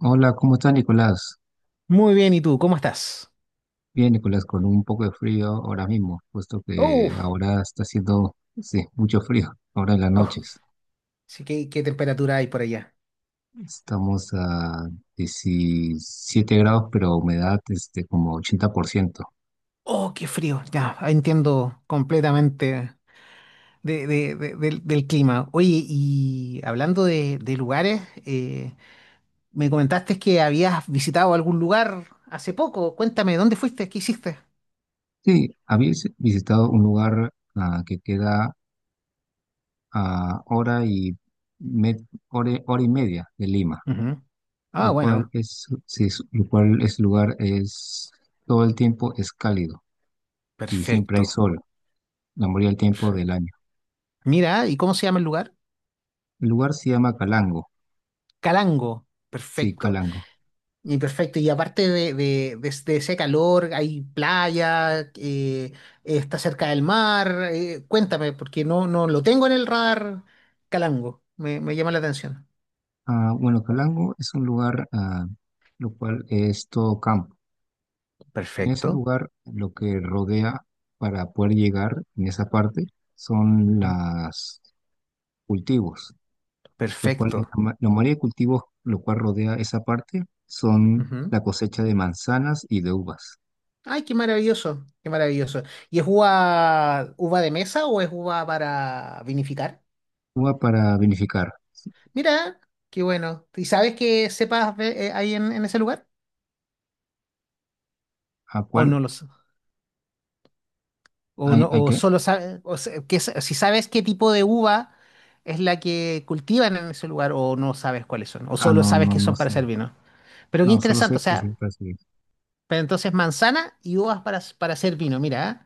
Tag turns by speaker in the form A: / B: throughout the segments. A: Hola, ¿cómo estás, Nicolás?
B: Muy bien, ¿y tú? ¿Cómo estás?
A: Bien, Nicolás, con un poco de frío ahora mismo, puesto que
B: Uf,
A: ahora está haciendo, sí, mucho frío, ahora en las
B: uf,
A: noches.
B: sí, ¿qué temperatura hay por allá?
A: Estamos a 17 grados, pero humedad como 80%.
B: Oh, qué frío, ya, entiendo completamente del clima. Oye, y hablando de lugares, eh, me comentaste que habías visitado algún lugar hace poco. Cuéntame, ¿dónde fuiste? ¿Qué hiciste?
A: Sí, habéis visitado un lugar que queda a me- hora y media de Lima,
B: Ujú. Ah,
A: lo cual
B: bueno,
A: es, sí, lo cual es lugar es todo el tiempo es cálido y siempre hay
B: perfecto,
A: sol, la mayoría del tiempo del
B: perfecto.
A: año.
B: Mira, ¿y cómo se llama el lugar?
A: El lugar se llama Calango,
B: Calango,
A: sí,
B: perfecto.
A: Calango.
B: Y perfecto, y aparte de ese calor, hay playa, está cerca del mar, cuéntame, porque no, no lo tengo en el radar Calango, me llama la atención.
A: Ah, bueno, Calango es un lugar, lo cual es todo campo. En ese
B: Perfecto.
A: lugar, lo que rodea para poder llegar en esa parte son
B: Ujú.
A: los cultivos, lo cual,
B: Perfecto.
A: la mayoría de cultivos, lo cual rodea esa parte, son
B: Ujú.
A: la cosecha de manzanas y de uvas.
B: Ay, qué maravilloso, qué maravilloso. ¿Y es uva, uva de mesa o es uva para vinificar?
A: Uva para vinificar,
B: Mira, qué bueno. ¿Y sabes qué hay en ese lugar?
A: ¿a
B: ¿O
A: cuál
B: no lo, O
A: hay,
B: no,
A: hay
B: o
A: que?
B: solo sabes, que, si sabes qué tipo de uva es la que cultivan en ese lugar, o no sabes cuáles son, o
A: Ah,
B: solo
A: no,
B: sabes
A: no,
B: que
A: no
B: son para
A: sé.
B: hacer vino. Pero qué
A: No, solo
B: interesante,
A: sé
B: o
A: que
B: sea,
A: siempre así.
B: pero entonces manzana y uvas para hacer vino, mira, ¿ah?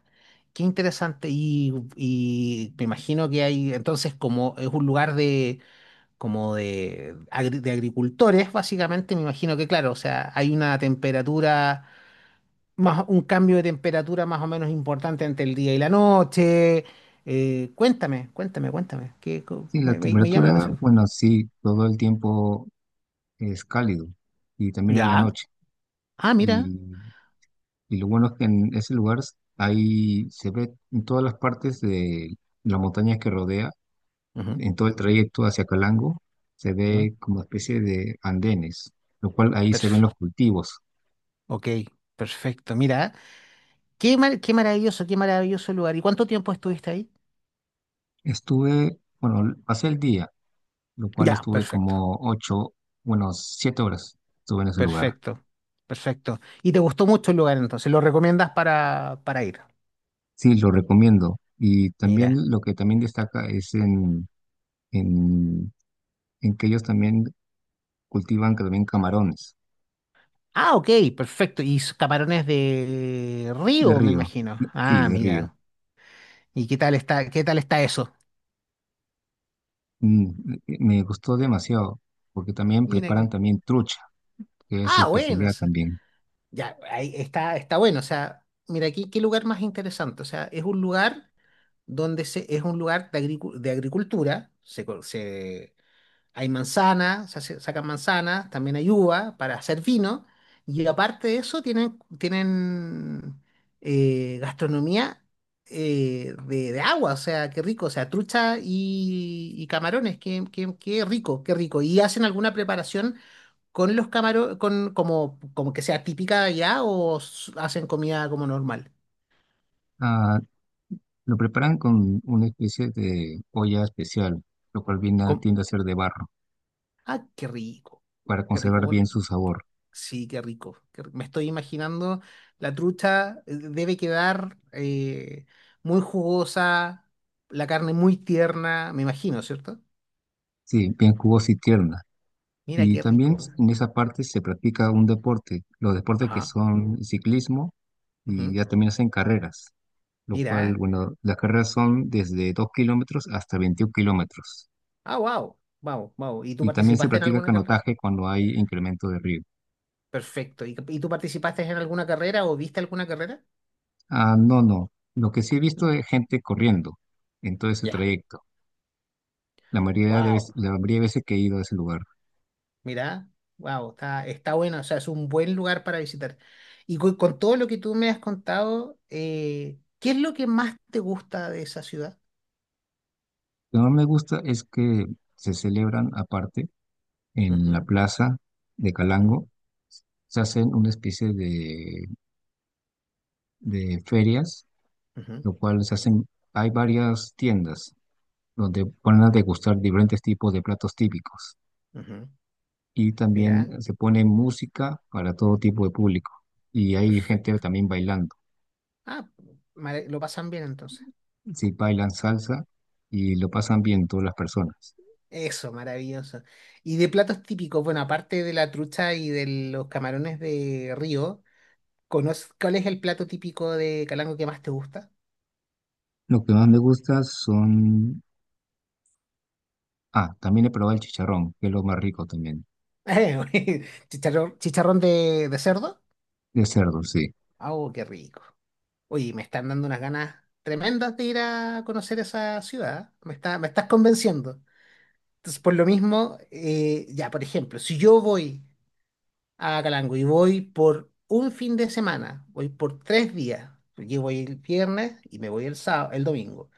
B: Qué interesante. Y me imagino que hay, entonces, como es un lugar como de, de agricultores, básicamente, me imagino que, claro, o sea, hay una temperatura más, un cambio de temperatura más o menos importante entre el día y la noche. Cuéntame, cuéntame, cuéntame, que co-
A: Sí, la
B: me- me llama la
A: temperatura,
B: atención.
A: bueno, sí, todo el tiempo es cálido y también en la
B: Ya.
A: noche.
B: Ah, mira.
A: Y, y lo bueno es que en ese lugar ahí se ve en todas las partes de la montaña que rodea,
B: Ujú,
A: en todo el trayecto hacia Calango, se
B: ujú.
A: ve como especie de andenes, lo cual ahí se ven los
B: Perf-
A: cultivos.
B: ok, perfecto. Mira, qué maravilloso lugar. ¿Y cuánto tiempo estuviste ahí?
A: Estuve, bueno, pasé el día, lo cual
B: Ya,
A: estuve
B: perfecto,
A: como ocho, bueno, 7 horas estuve en ese lugar.
B: perfecto, perfecto. ¿Y te gustó mucho el lugar entonces? ¿Lo recomiendas para ir?
A: Sí, lo recomiendo. Y también
B: Mira.
A: lo que también destaca es en en que ellos también cultivan que también camarones
B: Ah, ok, perfecto. Y camarones de
A: de
B: río, me
A: río.
B: imagino.
A: Sí,
B: Ah,
A: de río.
B: mira. ¿Y qué tal está eso?
A: Me gustó demasiado porque también
B: Mira
A: preparan
B: que.
A: también trucha, que es su
B: Ah, bueno, o
A: especialidad
B: sea,
A: también.
B: ya, ahí está, está bueno. O sea, mira aquí, qué lugar más interesante. O sea, es un lugar donde es un lugar de, de agricultura. Hay manzanas, sacan manzanas, también hay uva para hacer vino. Y aparte de eso, tienen, tienen gastronomía de agua. O sea, qué rico. O sea, trucha y camarones, qué, qué, qué rico, qué rico. Y hacen alguna preparación con los camarones, con, como, como que sea típica de allá o hacen comida como normal?
A: Ah, lo preparan con una especie de olla especial, lo cual
B: ¿Cómo?
A: tiende a ser de barro
B: Ah, qué rico,
A: para
B: qué rico.
A: conservar bien
B: Bueno,
A: su sabor.
B: sí, qué rico. Me estoy imaginando, la trucha debe quedar muy jugosa, la carne muy tierna, me imagino, ¿cierto?
A: Sí, bien jugosa y tierna.
B: Mira,
A: Y
B: qué
A: también
B: rico.
A: en esa parte se practica un deporte, los deportes que
B: Ajá.
A: son ciclismo y
B: Ujú.
A: ya también hacen carreras, lo cual,
B: Mira.
A: bueno, las carreras son desde 2 kilómetros hasta 21 kilómetros.
B: Ah, wow. Wow, wow. ¿Y tú
A: Y también se
B: participaste en
A: practica
B: alguna carrera?
A: canotaje cuando hay incremento de río.
B: Perfecto. Y tú participaste en alguna carrera o viste alguna carrera?
A: Ah, no, no. Lo que sí he visto es gente corriendo en todo ese
B: Ya.
A: trayecto. La mayoría de veces,
B: Wow.
A: la mayoría de veces que he ido a ese lugar.
B: Mirá, wow, está, está bueno, o sea, es un buen lugar para visitar. Y todo lo que tú me has contado, ¿qué es lo que más te gusta de esa ciudad?
A: Lo que no me gusta es que se celebran aparte en la
B: Ujú,
A: plaza de
B: ujú,
A: Calango. Se hacen una especie de ferias,
B: ujú,
A: lo cual se hacen, hay varias tiendas donde ponen a degustar diferentes tipos de platos típicos.
B: ujú.
A: Y
B: Mirá,
A: también se pone música para todo tipo de público. Y hay gente
B: perfecto.
A: también bailando.
B: Ah, lo pasan bien entonces.
A: Sí, bailan salsa y lo pasan bien todas las personas.
B: Eso, maravilloso. Y de platos típicos, bueno, aparte de la trucha y de los camarones de río, ¿conoces cuál es el plato típico de Calango que más te gusta?
A: Lo que más me gusta son... Ah, también he probado el chicharrón, que es lo más rico también,
B: Chicharrón, chicharrón de cerdo.
A: de cerdo, sí.
B: Oh, qué rico. Oye, me están dando unas ganas tremendas de ir a conocer esa ciudad. Me está, me estás convenciendo. Entonces, por lo mismo, ya, por ejemplo, si yo voy a Calango y voy por un fin de semana, voy por tres días, yo voy el viernes y me voy el sábado, el domingo,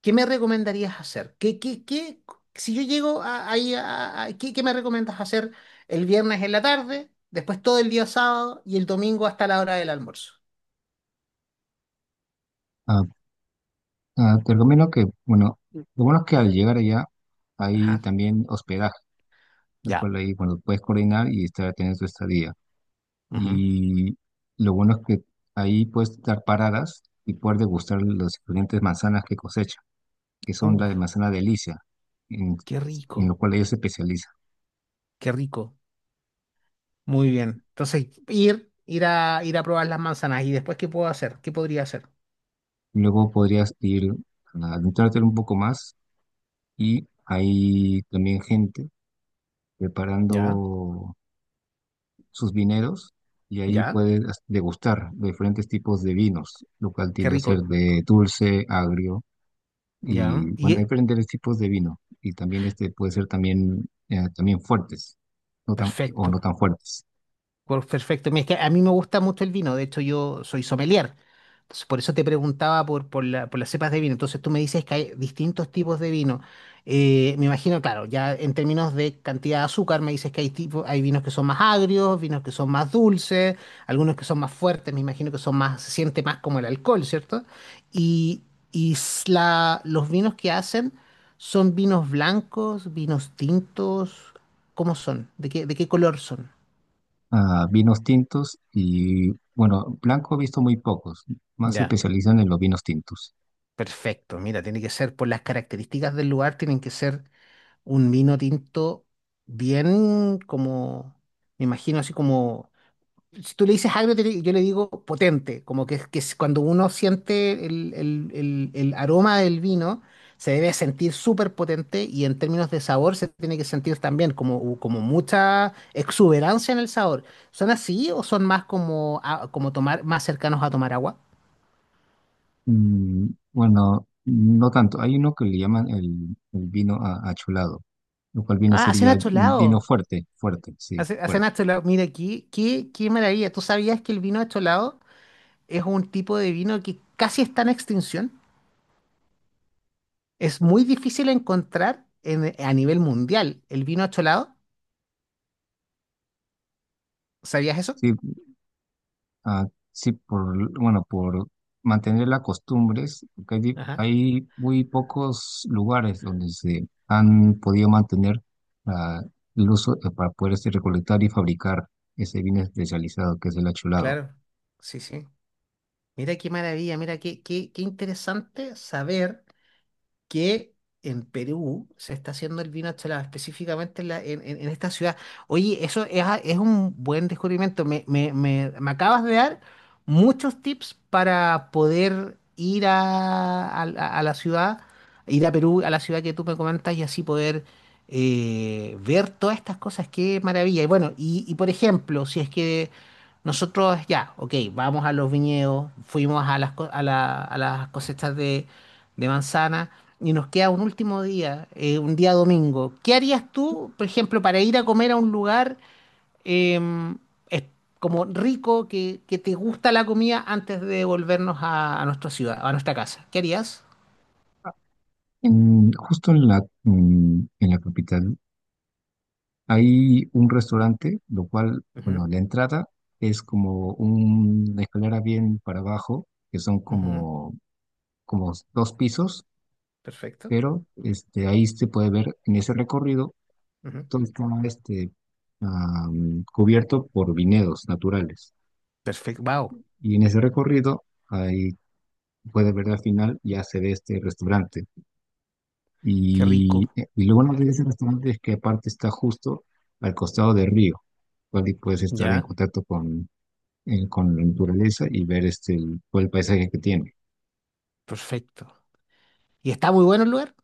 B: ¿qué me recomendarías hacer? ¿Qué, qué, qué, si yo llego a- ahí, a- ¿qué, qué me recomiendas hacer el viernes en la tarde, después todo el día sábado y el domingo hasta la hora del almuerzo?
A: Ah, ah, te recomiendo que, bueno, lo bueno es que al llegar allá hay
B: Ajá.
A: también hospedaje, lo
B: Ya.
A: cual ahí, bueno, puedes coordinar y estar teniendo tu estadía.
B: Ujú.
A: Y lo bueno es que ahí puedes dar paradas y poder degustar los diferentes manzanas que cosechan que son la
B: Uf.
A: de manzana delicia, en,
B: Qué
A: en lo
B: rico,
A: cual ellos se especializan.
B: qué rico. Muy bien. Entonces, ir, ir a, ir a probar las manzanas. ¿Y después qué puedo hacer? ¿Qué podría hacer?
A: Luego podrías ir a adentrarte un poco más y hay también gente
B: Ya,
A: preparando sus vineros y ahí
B: ya,
A: puedes degustar los diferentes tipos de vinos, lo cual
B: qué
A: tiende a ser
B: rico.
A: de dulce, agrio
B: Ya,
A: y
B: y
A: bueno, hay diferentes tipos de vino y también este puede ser también, también fuertes, no tan, o no
B: perfecto.
A: tan fuertes.
B: Perfecto. Mira, es que a mí me gusta mucho el vino. De hecho, yo soy sommelier. Entonces, por eso te preguntaba por las cepas de vino. Entonces, tú me dices que hay distintos tipos de vino. Me imagino, claro, ya en términos de cantidad de azúcar, me dices que hay tipo, hay vinos que son más agrios, vinos que son más dulces, algunos que son más fuertes. Me imagino que son más, se siente más como el alcohol, ¿cierto? Y, los vinos que hacen son vinos blancos, vinos tintos. ¿Cómo son? De qué color son?
A: A vinos tintos y, bueno, blanco he visto muy pocos, más se
B: Ya.
A: especializan en los vinos tintos.
B: Perfecto, mira, tiene que ser por las características del lugar, tienen que ser un vino tinto bien como, me imagino así como, si tú le dices agrio, yo le digo potente, como que, que es cuando uno siente el aroma del vino, se debe sentir súper potente y en términos de sabor se tiene que sentir también como, como mucha exuberancia en el sabor. ¿Son así o son más como, como tomar, más cercanos a tomar agua?
A: Mm, bueno, no tanto, hay uno que le llaman el vino achulado, lo cual viene a
B: Ah,
A: ser
B: hacen
A: ya vino
B: acholados.
A: fuerte,
B: Hacen, hacen
A: fuerte.
B: acholado. Mira, qué, qué, qué maravilla. ¿Tú sabías que el vino acholado es un tipo de vino que casi está en extinción? Es muy difícil encontrar a nivel mundial el vino acholado. ¿Sabías eso?
A: Sí, ah, sí, por, bueno, por mantener las costumbres, porque hay, di-
B: Ajá,
A: hay muy pocos lugares donde se han podido mantener ah, el uso para poder recolectar y fabricar ese vino especializado que es el achulado.
B: claro. Sí, sí. Mira qué maravilla, mira qué, qué, qué interesante saber. Que en Perú se está haciendo el vino Cholado, específicamente en, la- en esta ciudad. Oye, eso es, es un buen descubrimiento. Me acabas de dar muchos tips para poder ir a la ciudad, ir a Perú, a la ciudad que tú me comentas y así poder ver todas estas cosas. Qué maravilla. Y bueno, y por ejemplo, si es que... Nosotros ya, ok, vamos a los viñedos, fuimos a las, a las cosechas de manzana y nos queda un último día, un día domingo, ¿qué harías tú, por ejemplo, para ir a comer a un lugar eh, es- como rico, que te gusta la comida antes de volvernos a nuestra ciudad, a nuestra casa? ¿Qué harías?
A: Justo en la, en la capital hay un restaurante, lo cual, bueno,
B: Ujú,
A: la entrada es como una escalera bien para abajo, que son
B: ujú,
A: como, como dos pisos,
B: perfecto.
A: pero este, ahí se puede ver en ese recorrido
B: Ujú.
A: todo está cubierto por viñedos naturales.
B: Perfecto. Wow,
A: Y en ese recorrido, ahí puede ver al final, ya se ve este restaurante.
B: qué rico.
A: Y lo bueno de ese restaurante es que aparte está justo al costado del río, cual y puedes estar en
B: Ya,
A: contacto con la naturaleza y ver todo el paisaje que tiene.
B: perfecto. ¿Y está muy bueno el lugar?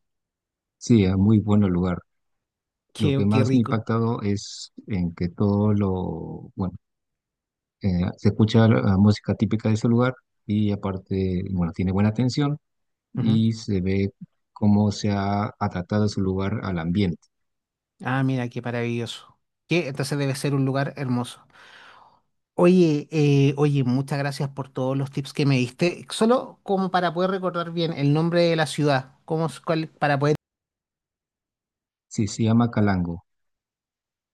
A: Sí, es muy buen lugar. Lo
B: Qué,
A: que
B: qué
A: más me ha
B: rico.
A: impactado es en que todo lo, bueno, se escucha la música típica de ese lugar y aparte, bueno, tiene buena atención
B: Ujú.
A: y se ve cómo se ha adaptado ese lugar al ambiente.
B: Ah, mira, qué maravilloso. ¿Qué? Entonces debe ser un lugar hermoso. Oye, oye, muchas gracias por todos los tips que me diste. Solo como para poder recordar bien el nombre de la ciudad, cómo, para poder...
A: Sí, se llama Calango.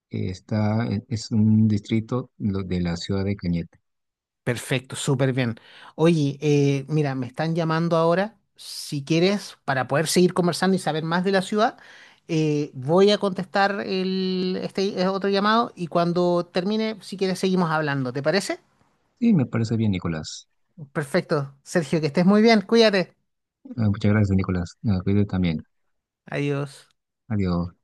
A: Está, es un distrito de la ciudad de Cañete.
B: Perfecto, súper bien. Oye, mira, me están llamando ahora. Si quieres, para poder seguir conversando y saber más de la ciudad, voy a contestar el, este otro llamado y cuando termine, si quieres, seguimos hablando. ¿Te parece?
A: Sí, me parece bien, Nicolás.
B: Perfecto, Sergio, que estés muy bien. Cuídate.
A: Ah, muchas gracias, Nicolás. Ah, cuídate también.
B: Adiós.
A: Adiós.